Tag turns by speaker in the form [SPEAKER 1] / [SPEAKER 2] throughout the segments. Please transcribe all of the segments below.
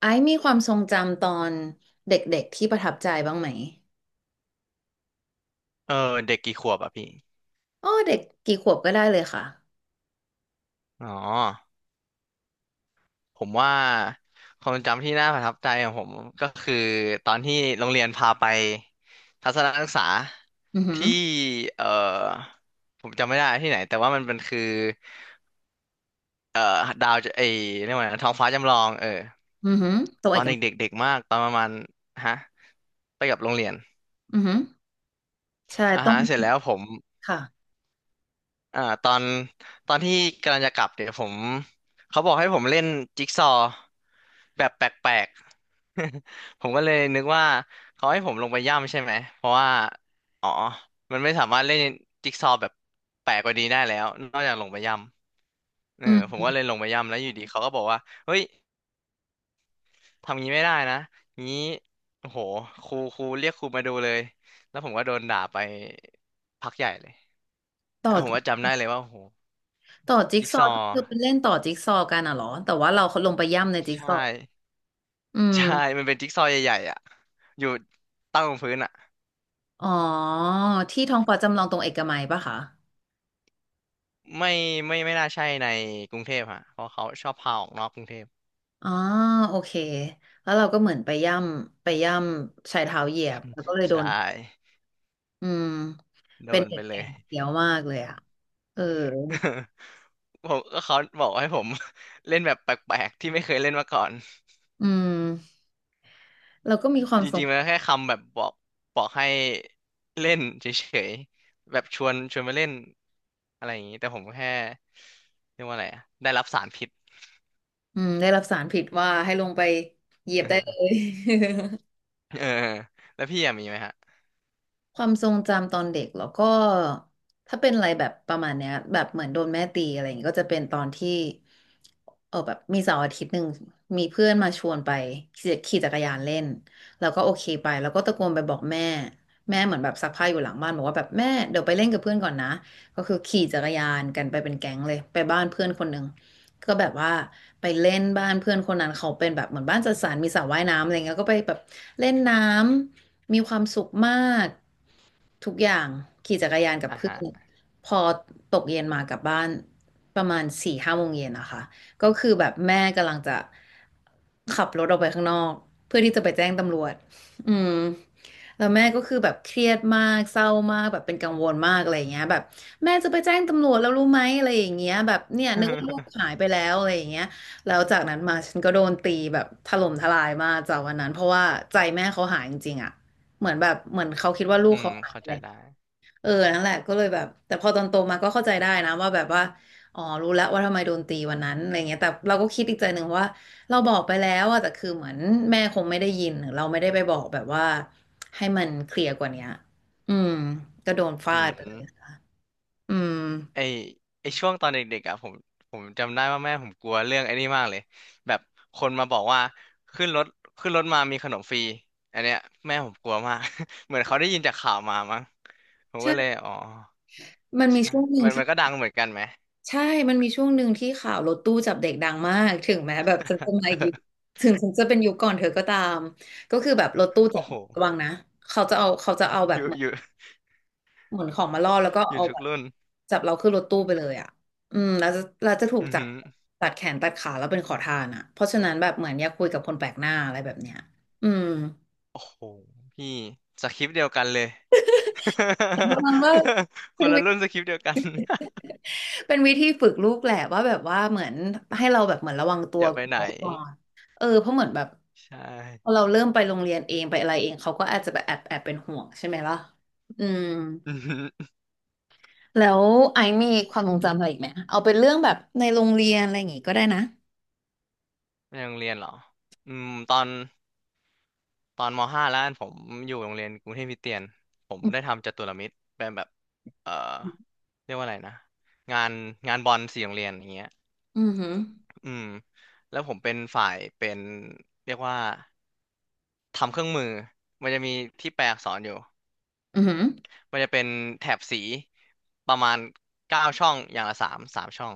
[SPEAKER 1] ไอซ์มีความทรงจำตอนเด็กๆที่ประทับใจบ้างไหม
[SPEAKER 2] เออเด็กกี่ขวบอ่ะพี่
[SPEAKER 1] อ๋อเด็กกี่ขวบก็ได้เลยค่ะ
[SPEAKER 2] อ๋อผมว่าความทรงจำที่น่าประทับใจของผมคือตอนที่โรงเรียนพาไปทัศนศึกษา
[SPEAKER 1] อือหือ
[SPEAKER 2] ที่เออผมจำไม่ได้ที่ไหนแต่ว่ามันเป็นคือเออดาวจะไอเรียกว่าไงนะท้องฟ้าจำลองเออ
[SPEAKER 1] อือหือตรง
[SPEAKER 2] ต
[SPEAKER 1] เอ
[SPEAKER 2] อ
[SPEAKER 1] ก
[SPEAKER 2] น
[SPEAKER 1] มัย
[SPEAKER 2] เด็กๆเด็กมากตอนประมาณฮะไปกับโรงเรียน
[SPEAKER 1] อือหือใช่
[SPEAKER 2] อ่า
[SPEAKER 1] ต้อง
[SPEAKER 2] ฮะเสร็จแล้วผม
[SPEAKER 1] ค่ะ
[SPEAKER 2] อ่าตอนตอนที่กำลังจะกลับเนี่ยผมเขาบอกให้ผมเล่นจิ๊กซอว์แบบแปลกๆ ผมก็เลยนึกว่าเขาให้ผมลงไปย่ำใช่ไหมเพราะว่าอ๋อมันไม่สามารถเล่นจิ๊กซอว์แบบแปลกกว่านี้ได้แล้วนอกจากลงไปย่ำเออ
[SPEAKER 1] อื
[SPEAKER 2] ผม
[SPEAKER 1] ม
[SPEAKER 2] ก็เลยลงไปย่ำแล้วอยู่ดีเขาก็บอกว่าเฮ้ยทำงี้ไม่ได้นะงี้โอ้โหครูเรียกครูมาดูเลยแล้วผมก็โดนด่าไปพักใหญ่เลย
[SPEAKER 1] ต่อ
[SPEAKER 2] เออผม
[SPEAKER 1] จิ
[SPEAKER 2] ก็จำได้เลยว่าโอ้โห
[SPEAKER 1] ต่อจิ๊ก
[SPEAKER 2] จิ๊ก
[SPEAKER 1] ซอ
[SPEAKER 2] ซอ
[SPEAKER 1] ว์ก็
[SPEAKER 2] ว์
[SPEAKER 1] คือเป็นเล่นต่อจิ๊กซอว์กันอ่ะเหรอแต่ว่าเราลงไปย่ำในจิ๊ก
[SPEAKER 2] ใช่
[SPEAKER 1] ซอว์อื
[SPEAKER 2] ใช่
[SPEAKER 1] ม
[SPEAKER 2] มันเป็นจิ๊กซอว์ใหญ่ๆอ่ะอยู่ตั้งบนพื้นอ่ะ
[SPEAKER 1] อ๋อที่ท้องฟ้าจำลองตรงเอกมัยปะคะ
[SPEAKER 2] ไม่ไม่ไม่น่าใช่ในกรุงเทพฮะเพราะเขาชอบพาออกนอกกรุงเทพ
[SPEAKER 1] อ๋อโอเคแล้วเราก็เหมือนไปย่ำไปย่ำใชายเท้าเหยียบแล้วก็เลยโด
[SPEAKER 2] ใช่
[SPEAKER 1] นอืม
[SPEAKER 2] โด
[SPEAKER 1] เป็น
[SPEAKER 2] น
[SPEAKER 1] เด็
[SPEAKER 2] ไป
[SPEAKER 1] ก
[SPEAKER 2] เล
[SPEAKER 1] แก่
[SPEAKER 2] ย
[SPEAKER 1] เกียวมากเลยอ่ะเออ
[SPEAKER 2] ผมก็เขาบอกให้ผม เล่นแบบแปลกๆที่ไม่เคยเล่นมาก่อน
[SPEAKER 1] อืม เราก็มีความ
[SPEAKER 2] จ
[SPEAKER 1] ส
[SPEAKER 2] ริ
[SPEAKER 1] ง
[SPEAKER 2] งๆมันแค่คำแบบบอกบอกให้เล่นเฉยๆแบบชวนมาเล่นอะไรอย่างนี้แต่ผมแค่เรียกว่าอะไรอะได้รับสารพิษ
[SPEAKER 1] อืมได้รับสารผิดว่าให้ลงไปเหยียบได้เล ย
[SPEAKER 2] เออแล้วพี่อะมีไหมฮะ
[SPEAKER 1] ความทรงจำตอนเด็กแล้วก็ถ้าเป็นอะไรแบบประมาณเนี้ยแบบเหมือนโดนแม่ตีอะไรอย่างงี้ก็จะเป็นตอนที่เออแบบมีเสาร์อาทิตย์หนึ่งมีเพื่อนมาชวนไปขี่จักรยานเล่นแล้วก็โอเคไปแล้วก็ตะโกนไปบอกแม่แม่เหมือนแบบซักผ้าอยู่หลังบ้านบอกว่าแบบแม่เดี๋ยวไปเล่นกับเพื่อนก่อนนะก็คือขี่จักรยานกันไปเป็นแก๊งเลยไปบ้านเพื่อนคนหนึ่งก็แบบว่าไปเล่นบ้านเพื่อนคนนั้นเขาเป็นแบบเหมือนบ้านจัดสรรมีสระว่ายน้ำอะไรเงี้ยก็ไปแบบเล่นน้ำ มีความสุขมากทุกอย่างขี่จักรยานกับ
[SPEAKER 2] อ่า
[SPEAKER 1] เพื่อ
[SPEAKER 2] ฮะ
[SPEAKER 1] นพอตกเย็นมากลับบ้านประมาณ4-5 โมงเย็นนะคะก็คือแบบแม่กำลังจะขับรถออกไปข้างนอกเพื่อที่จะไปแจ้งตำรวจอืมแล้วแม่ก็คือแบบเครียดมากเศร้ามากแบบเป็นกังวลมากอะไรอย่างเงี้ยแบบแม่จะไปแจ้งตำรวจแล้วรู้ไหมอะไรอย่างเงี้ยแบบเนี่ยนึกว่าลูก หายไปแล้วอะไรอย่างเงี้ยแล้วจากนั้นมาฉันก็โดนตีแบบถล่มทลายมากจากวันนั้นเพราะว่าใจแม่เขาหายจริงๆอะ เหมือนแบบเหมือนเขาคิดว่าลู
[SPEAKER 2] อื
[SPEAKER 1] ก
[SPEAKER 2] ม
[SPEAKER 1] เขาหายไป
[SPEAKER 2] เข้าใจ
[SPEAKER 1] แล้ว
[SPEAKER 2] ได้
[SPEAKER 1] เออนั่นแหละก็เลยแบบแต่พอตอนโตมาก็เข้าใจได้นะว่าแบบว่าอ๋อรู้แล้วว่าทำไมโดนตีวันนั้นอะไรเงี้ยแต่เราก็คิดอีกใจหนึ่งว่าเราบอกไปแล้วอะแต่คือเหมือนแม่คงไม่ได้ยินหรือเราไม่ได้ไปบอกแบบว่าให้มันเคลียร์กว่าเนี้ยอืมก็โดนฟา
[SPEAKER 2] อื
[SPEAKER 1] ดไปเล
[SPEAKER 2] ม
[SPEAKER 1] ยอืม
[SPEAKER 2] ไอไอช่วงตอนเด็กๆอ่ะผมจำได้ว่าแม่ผมกลัวเรื่องไอ้นี่มากเลยแบบคนมาบอกว่าขึ้นรถขึ้นรถมามีขนมฟรีอันเนี้ยแม่ผมกลัวมาก เหมือนเขาได้ยินจากข่าวมามั้งผมก็เลย
[SPEAKER 1] ใช่
[SPEAKER 2] อ๋อ
[SPEAKER 1] มันมี
[SPEAKER 2] ใช่
[SPEAKER 1] ช่วงหนึ่ง
[SPEAKER 2] มัน
[SPEAKER 1] ที่
[SPEAKER 2] มันก็ดังเหมือนกันไหม
[SPEAKER 1] ใช่มันมีช่วงหนึ่งที่ข่าวรถตู้จับเด็กดังมากถึงแม้แบบฉันจะมาอีกยุค ถึงฉันจะเป็นยุคก่อนเธอก็ตามก็คือแบบรถตู้จั
[SPEAKER 2] โอ้
[SPEAKER 1] บ
[SPEAKER 2] โห
[SPEAKER 1] ระวังนะเขาจะเอาแบ
[SPEAKER 2] อ
[SPEAKER 1] บ
[SPEAKER 2] ยู่
[SPEAKER 1] เหมือ
[SPEAKER 2] อ
[SPEAKER 1] น
[SPEAKER 2] ยู่
[SPEAKER 1] เหมือนของมาล่อแล้วก็
[SPEAKER 2] อยู่
[SPEAKER 1] เอา
[SPEAKER 2] ทุ
[SPEAKER 1] แบ
[SPEAKER 2] ก
[SPEAKER 1] บ
[SPEAKER 2] รุ่น
[SPEAKER 1] จับเราขึ้นรถตู้ไปเลยอ่ะอืมแล้วจะเราจะถูก
[SPEAKER 2] อือ
[SPEAKER 1] จับ
[SPEAKER 2] หือ
[SPEAKER 1] ตัดแขนตัดขาแล้วเป็นขอทานอ่ะเพราะฉะนั้นแบบเหมือนอย่าคุยกับคนแปลกหน้าอะไรแบบเนี้ยอืม
[SPEAKER 2] โอ้โหพี่สคริปต์เดียวกันเลย
[SPEAKER 1] ประมาณว่า
[SPEAKER 2] ค
[SPEAKER 1] เป็น
[SPEAKER 2] นละรุ่นสคริปต์เดียวกัน
[SPEAKER 1] เป็นวิธีฝึกลูกแหละว่าแบบว่าเหมือนให้เราแบบเหมือนระวังตั
[SPEAKER 2] อ
[SPEAKER 1] ว
[SPEAKER 2] ย่าไป
[SPEAKER 1] กลั
[SPEAKER 2] ไหน
[SPEAKER 1] วก่อนเออเพราะเหมือนแบบ
[SPEAKER 2] ใช่
[SPEAKER 1] พอเราเริ่มไปโรงเรียนเองไปอะไรเองเขาก็อาจจะแบบแอบแอบเป็นห่วงใช่ไหมล่ะอืม แล้วไอซ์มีความทรงจำอะไรอีกไหมเอาเป็นเรื่องแบบในโรงเรียนอะไรอย่างงี้ก็ได้นะ
[SPEAKER 2] ในโรงเรียนเหรออืมตอนตอนมห้าแล้วกันผมอยู่โรงเรียนกรุงเทพคริสเตียน ผมได้ทำจัตุรมิตรเป็นแบบเอ่อเรียกว่าอะไรนะ งานงานบอลสี่โรงเรียนอย่างเงี้ย
[SPEAKER 1] อืมอือหือ
[SPEAKER 2] อืมแล้วผมเป็นฝ่ายเป็นเรียกว่าทำเครื่องมือ มันจะมีที่แปลอักษรอยู่
[SPEAKER 1] อือหือ
[SPEAKER 2] มันจะเป็นแถบสีประมาณเก้าช่องอย่างละสามช่อง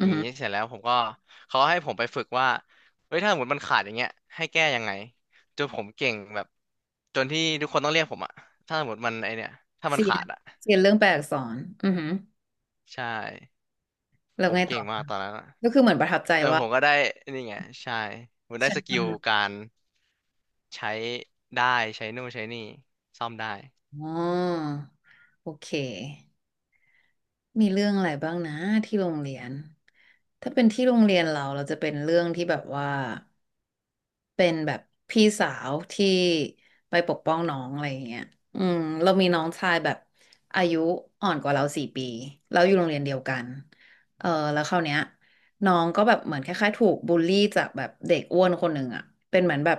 [SPEAKER 2] อ
[SPEAKER 1] ือ
[SPEAKER 2] ย่าง
[SPEAKER 1] หื
[SPEAKER 2] นี้
[SPEAKER 1] อ
[SPEAKER 2] เสร็จแล้วผมก็เขาให้ผมไปฝึกว่าเฮ้ยถ้าสมมติมันขาดอย่างเงี้ยให้แก้ยังไงจนผมเก่งแบบจนที่ทุกคนต้องเรียกผมอะถ้าสมมติมันไอเนี่ยถ้ามัน
[SPEAKER 1] เสีย
[SPEAKER 2] ขา
[SPEAKER 1] น
[SPEAKER 2] ดอะ
[SPEAKER 1] เสียนเรื่องแปลอักษรอือหือ
[SPEAKER 2] ใช่
[SPEAKER 1] แล้ว
[SPEAKER 2] ผม
[SPEAKER 1] ไงต่
[SPEAKER 2] เก่
[SPEAKER 1] อ
[SPEAKER 2] งมาก
[SPEAKER 1] คะ
[SPEAKER 2] ตอนนั้นอะ
[SPEAKER 1] ก็คือเหมือนประทับใจ
[SPEAKER 2] เออ
[SPEAKER 1] ว่า
[SPEAKER 2] ผมก็ได้นี่ไงใช่ผมได้
[SPEAKER 1] ฉั
[SPEAKER 2] ส
[SPEAKER 1] นท
[SPEAKER 2] กิลการใช้ได้ใช้นู่นใช้นี่ซ่อมได้
[SPEAKER 1] ำอ๋อโอเค มีเรื่องอะไรบ้างนะที่โรงเรียนถ้าเป็นที่โรงเรียนเราเราจะเป็นเรื่องที่แบบว่าเป็นแบบพี่สาวที่ไปปกป้องน้องอะไรอย่างเงี้ยอืมเรามีน้องชายแบบอายุอ่อนกว่าเรา4 ปีเราอยู่โรงเรียนเดียวกันเออแล้วคราวเนี้ย น้องก็แบบเหมือนคล้ายๆถูกบูลลี่จากแบบเด็กอ้วนคนหนึ่งอ่ะเป็นเหมือนแบบ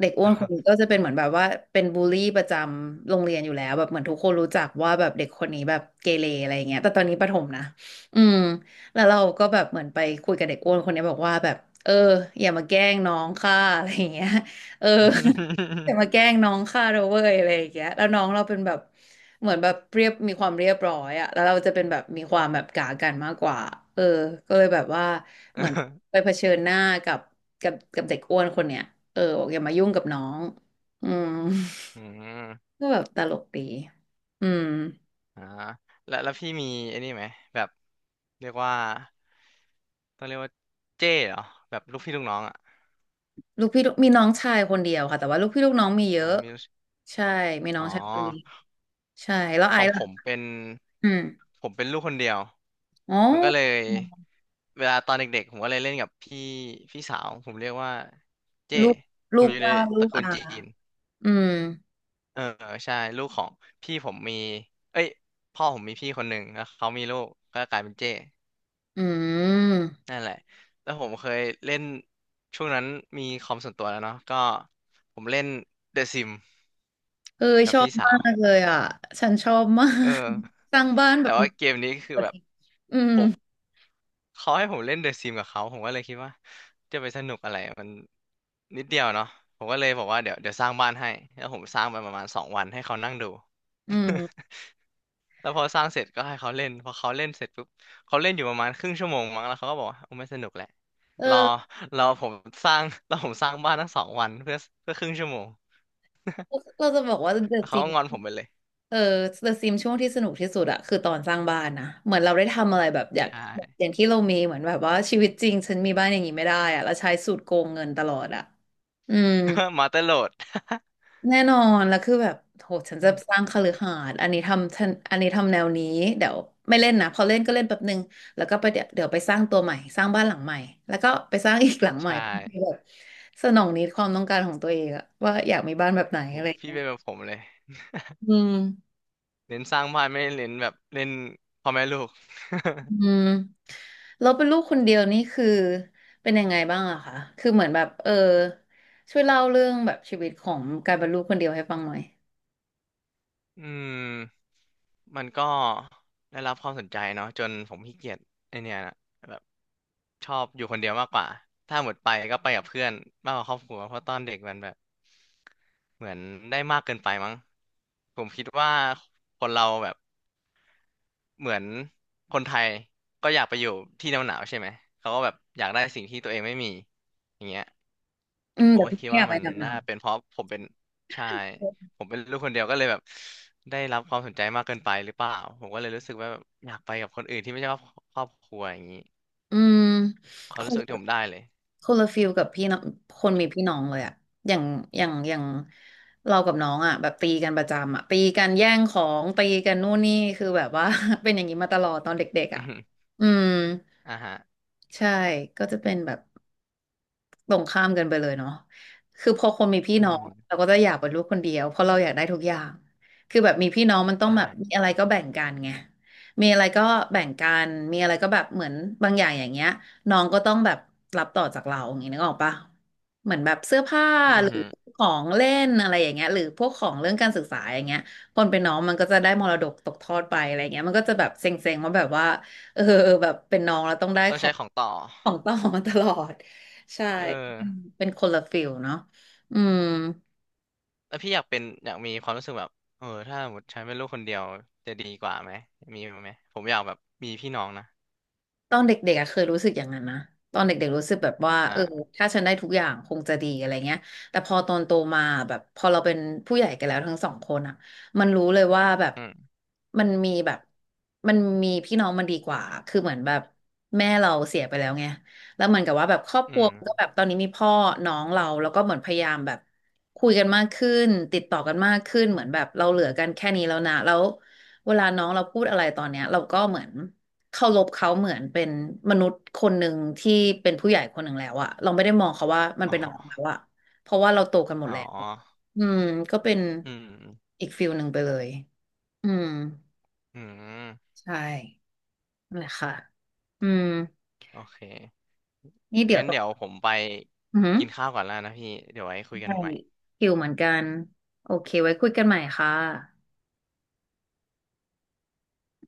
[SPEAKER 1] เด็กอ้วนคนนี้ก็จะเป็นเหมือนแบบว่าเป็นบูลลี่ประจำโรงเรียนอยู่แล้วแบบเหมือนทุกคนรู้จักว่าแบบเด็กคนนี้แบบเกเรอะไรอย่างเงี้ยแต่ตอนนี้ประถมนะอืมแล้วเราก็แบบเหมือนไปคุยกับเด็กอ้วนคนนี้บอกว่าแบบเอออย่ามาแกล้งน้องค่ะอะไรอย่างเงี้ยเออ จะ่า มาแกล้งน้องข้าเราเว้ยอะไรอย่างเงี้ยแล้วน้องเราเป็นแบบเหมือนแบบเรียบมีความเรียบร้อยอะแล้วเราจะเป็นแบบมีความแบบกากันมากกว่าเออก็เลยแบบว่าเหมือนไปเผชิญหน้ากับกับเด็กอ้วนคนเนี้ยเออบอกอย่ามายุ่งกับน้องอืม
[SPEAKER 2] อืม
[SPEAKER 1] ก็แบบตลกดีอืม
[SPEAKER 2] อ่าแล้วพี่มีไอ้นี่ไหมแบบเรียกว่าต้องเรียกว่าเจ้เหรอแบบลูกพี่ลูกน้องอ่ะ
[SPEAKER 1] ลูกพี่ลูกน้องชายคนเดียวค่ะแต่ว่าลูกพี่ลูกน้องมีเย
[SPEAKER 2] ผ
[SPEAKER 1] อะ
[SPEAKER 2] มมี
[SPEAKER 1] ใช่มีน้อ
[SPEAKER 2] อ๋อ
[SPEAKER 1] งชายคนเดียวใช่แล้วไอ
[SPEAKER 2] ของ
[SPEAKER 1] ซ์
[SPEAKER 2] ผม
[SPEAKER 1] ล่ะ
[SPEAKER 2] เป็น
[SPEAKER 1] อืม
[SPEAKER 2] ผมเป็นลูกคนเดียว
[SPEAKER 1] อ๋อ
[SPEAKER 2] มันก็เลยเวลาตอนเด็กๆผมก็เลยเล่นกับพี่สาวผมเรียกว่าเจ้
[SPEAKER 1] ลูก
[SPEAKER 2] ผ
[SPEAKER 1] ลู
[SPEAKER 2] ม
[SPEAKER 1] ก
[SPEAKER 2] อยู่ใน
[SPEAKER 1] ป้า
[SPEAKER 2] ต
[SPEAKER 1] ลู
[SPEAKER 2] ระ
[SPEAKER 1] ก
[SPEAKER 2] กู
[SPEAKER 1] อา
[SPEAKER 2] ลจีน
[SPEAKER 1] อืม
[SPEAKER 2] เออใช่ลูกของพี่ผมมีเอ้ยพ่อผมมีพี่คนหนึ่งแล้วเขามีลูกก็กลายเป็นเจ้
[SPEAKER 1] อืม
[SPEAKER 2] นั่นแหละ แล้วผมเคยเล่นช่วงนั้นมีคอมส่วนตัวแล้วเนาะก็ผมเล่น The Sim
[SPEAKER 1] เออ
[SPEAKER 2] กั
[SPEAKER 1] ช
[SPEAKER 2] บ
[SPEAKER 1] อบ
[SPEAKER 2] พี่สา
[SPEAKER 1] มา
[SPEAKER 2] ว
[SPEAKER 1] กเลยอ่ะ ฉันชอบมา
[SPEAKER 2] เออ
[SPEAKER 1] กสร้างบ้านแบ
[SPEAKER 2] แต่
[SPEAKER 1] บ
[SPEAKER 2] ว่าเกมนี้คือแบบ
[SPEAKER 1] อืม
[SPEAKER 2] ผมเขาให้ผมเล่น The Sim กับเขา ผมก็เลยคิดว่าจะไปสนุกอะไรมันนิดเดียวเนาะผมก็เลยบอกว่าเดี๋ยวสร้างบ้านให้ แล้วผมสร้างไปประมาณสองวันให้เขานั่งดู
[SPEAKER 1] อื ม
[SPEAKER 2] แล้วพอสร้างเสร็จก็ให้เขาเล่นพอเขาเล่นเสร็จปุ๊บเขาเล่นอยู่ประมาณครึ่งชั่วโมงมั้งแล้วเขาก็บอกว่าโอ้ไม่สนุกแหละ
[SPEAKER 1] เอ
[SPEAKER 2] รอ
[SPEAKER 1] อ
[SPEAKER 2] รอผมสร้าง รอผมสร้างบ้านทั้งสองวันเพื่อเพื่อครึ่งชั่วโมง
[SPEAKER 1] เราจะบอกว่า t
[SPEAKER 2] แล้
[SPEAKER 1] h
[SPEAKER 2] วเขา
[SPEAKER 1] e
[SPEAKER 2] ก็
[SPEAKER 1] s
[SPEAKER 2] งอ
[SPEAKER 1] i
[SPEAKER 2] นผ
[SPEAKER 1] m s
[SPEAKER 2] มไปเลย
[SPEAKER 1] เออ The Sims ช่วงที่สนุกที่สุดอะคือตอนสร้างบ้านนะเหมือนเราได้ทำอะไรแบบอยาก
[SPEAKER 2] ใช่
[SPEAKER 1] แบบอย่างที่เรามีเหมือนแบบว่าชีวิตจริงฉันมีบ้านอย่างนี้ไม่ได้อะเราใช้สูตรโกงเงินตลอดอะอืม
[SPEAKER 2] มาเตอร์โหลด
[SPEAKER 1] แน่นอนแล้วคือแบบโหฉัน
[SPEAKER 2] อื
[SPEAKER 1] จะ
[SPEAKER 2] ม
[SPEAKER 1] สร้างคฤหาสน์อันนี้ทำฉันอันนี้ทำแนวนี้เดี๋ยวไม่เล่นนะพอเล่นก็เล่นแป๊บนึงแล้วก็ไปเดี๋ยวไปสร้างตัวใหม่สร้างบ้านหลังใหม่แล้วก็ไปสร้างอีกหลังใหม่
[SPEAKER 2] ใช่
[SPEAKER 1] แบบสนองนิดความต้องการของตัวเองอะว่าอยากมีบ้านแบบไหน
[SPEAKER 2] ผ
[SPEAKER 1] อะ
[SPEAKER 2] ม
[SPEAKER 1] ไรอย่าง
[SPEAKER 2] พี่
[SPEAKER 1] เงี้ย
[SPEAKER 2] เป็นแบบผมเลย
[SPEAKER 1] อืม
[SPEAKER 2] เน้นสร้างบ้านไม่ได้เน้นแบบเล่นพ่อแม่ลูก
[SPEAKER 1] อืมเราเป็นลูกคนเดียวนี่คือเป็นยังไงบ้างอะคะคือเหมือนแบบเออช่วยเล่าเรื่องแบบชีวิตของการเป็นลูกคนเดียวให้ฟังหน่อย
[SPEAKER 2] อืมมันก็ได้รับความสนใจเนาะจนผมขี้เกียจไอเนี่ยนะแบบชอบอยู่คนเดียวมากกว่าถ้าหมดไปก็ไปกับเพื่อนมากกว่าครอบครัวเพราะตอนเด็กมันแบบเหมือนได้มากเกินไปมั้งผมคิดว่าคนเราแบบ เหมือนคนไทยก็อยากไปอยู่ที่หนาวๆใช่ไหมเขาก็แบบอยากได้สิ่งที่ตัวเองไม่มีอย่างเงี้ย
[SPEAKER 1] อืม
[SPEAKER 2] ผม
[SPEAKER 1] เดี๋ยว
[SPEAKER 2] ก็
[SPEAKER 1] พี่
[SPEAKER 2] คิด
[SPEAKER 1] อ
[SPEAKER 2] ว่า
[SPEAKER 1] ยากไป
[SPEAKER 2] มัน
[SPEAKER 1] ดำน้
[SPEAKER 2] น่าเป็นเพราะผมเป็นใช่ผมเป็นลูกคนเดียวก็เลยแบบได้รับความสนใจมากเกินไปหรือเปล่าผมก็เลยรู้สึกว่าแบบอยากไปกับคนอื่นที่ไม่ใช่ครอบครัวอย่างนี้
[SPEAKER 1] ำอืม
[SPEAKER 2] ควา
[SPEAKER 1] ค
[SPEAKER 2] มรู้
[SPEAKER 1] ง
[SPEAKER 2] สึกที่ผมได้เลย
[SPEAKER 1] คนละฟิลกับพี่น้องคนมีพี่น้องเลยอะอย่างอย่างเรากับน้องอะแบบตีกันประจำอะตีกันแย่งของตีกันนู่นนี่คือแบบว่า เป็นอย่างนี้มาตลอดตอนเด็ก ๆ
[SPEAKER 2] อื
[SPEAKER 1] อะ
[SPEAKER 2] อฮึ
[SPEAKER 1] อืม
[SPEAKER 2] อ่าฮะ
[SPEAKER 1] ใช่ก็จะเป็นแบบ ตรงข้ามกันไปเลยเนาะคือพอคนมีพี่
[SPEAKER 2] อื
[SPEAKER 1] น้องเรา
[SPEAKER 2] ม
[SPEAKER 1] ก็จะอยากเป็นลูกคนเดียว เพราะเราอยากได้ทุกอย่างคือแบบมีพี่น้องมันต้อง
[SPEAKER 2] ใช่
[SPEAKER 1] แบบมีอะไรก็แบ่งกันไงมีอะไรก็แบ่งกัน มีอะไรก็แบบเหมือนบางอย่างอย่างเงี้ยน้องก็ต้องแบบรับต่อจากเราอย่างนี้นึกออกปะเหมือนแบบเสื้อผ้า
[SPEAKER 2] อื
[SPEAKER 1] ห
[SPEAKER 2] อ
[SPEAKER 1] รือ
[SPEAKER 2] ฮึ
[SPEAKER 1] ของเล่นอะไรอย่างเงี้ยหรือพวกของเรื่องการศึกษาอย่างเงี้ยคนเป็นน้องมันก็จะได้มรดกตกทอดไปอะไรเงี้ยมันก็จะแบบเซ็งๆว่าแบบว่าเออแบบเป็นน้องแล้วต้องได้
[SPEAKER 2] ต้อ
[SPEAKER 1] ข
[SPEAKER 2] ง
[SPEAKER 1] อ
[SPEAKER 2] ใช้
[SPEAKER 1] ง
[SPEAKER 2] ของต่อ
[SPEAKER 1] ต่อมาตลอด ใช่
[SPEAKER 2] เออ
[SPEAKER 1] เป็นเป็นคนละฟิลเนาะอืม
[SPEAKER 2] แล้วพี่อยากเป็นอยากมีความรู้สึกแบบเออถ้าสมมติฉันเป็นลูกคนเดียวจะดีกว่าไหมมีไหมผมอยากแบบมีพี่น้องนะ
[SPEAKER 1] ตอนเด็กๆอะเคยรู้สึกอย่างนั้นนะ ตอนเด็กๆรู้สึกแบบว่าเออ
[SPEAKER 2] อ่า
[SPEAKER 1] ถ้าฉันได้ทุกอย่างคงจะดีอะไรเงี้ยแต่พอตอนโตมาแบบพอเราเป็นผู้ใหญ่กันแล้วทั้งสองคนอ่ะมันรู้เลยว่าแบบ
[SPEAKER 2] อืม
[SPEAKER 1] มันมีแบบมันมีพี่น้องมันดีกว่าคือเหมือนแบบแม่เราเสียไปแล้วไงแล้วเหมือนกับว่าแบบครอบค
[SPEAKER 2] อื
[SPEAKER 1] รัวมันก็
[SPEAKER 2] ม
[SPEAKER 1] แบบตอนนี้มีพ่อน้องเราแล้วก็เหมือนพยายามแบบคุยกันมากขึ้นติดต่อกันมากขึ้นเหมือนแบบเราเหลือกันแค่นี้แล้วนะแล้ว เวลาน้องเราพูดอะไรตอนเนี้ยเราก็เหมือนเคารพเขาเหมือนเป็นมนุษย์คนหนึ่งที่เป็นผู้ใหญ่คนหนึ่งแล้วอะเราไม่ได้มองเขาว่ามัน
[SPEAKER 2] อ๋
[SPEAKER 1] เป็นอะไรแล้ว
[SPEAKER 2] อ
[SPEAKER 1] อะเพราะว่าเราโตกันหมด
[SPEAKER 2] อ๋
[SPEAKER 1] แล้ว
[SPEAKER 2] อ
[SPEAKER 1] อืมก็เป็น
[SPEAKER 2] อืม
[SPEAKER 1] อีกฟิลหนึ่งไปเลยอืม
[SPEAKER 2] อืม
[SPEAKER 1] ใช่นั่นแหละค่ะอืม
[SPEAKER 2] โอเค
[SPEAKER 1] นี่เดี๋ยว
[SPEAKER 2] งั้น
[SPEAKER 1] ต้อง
[SPEAKER 2] เดี๋ยวผมไป
[SPEAKER 1] อือห
[SPEAKER 2] กินข้าวก่อนแล้วนะพี่เดี๋ยวไว้คุยกั
[SPEAKER 1] ใช่
[SPEAKER 2] นใหม่
[SPEAKER 1] คิวเหมือนกันโอเคไว้คุยกันใหม่ค่ะ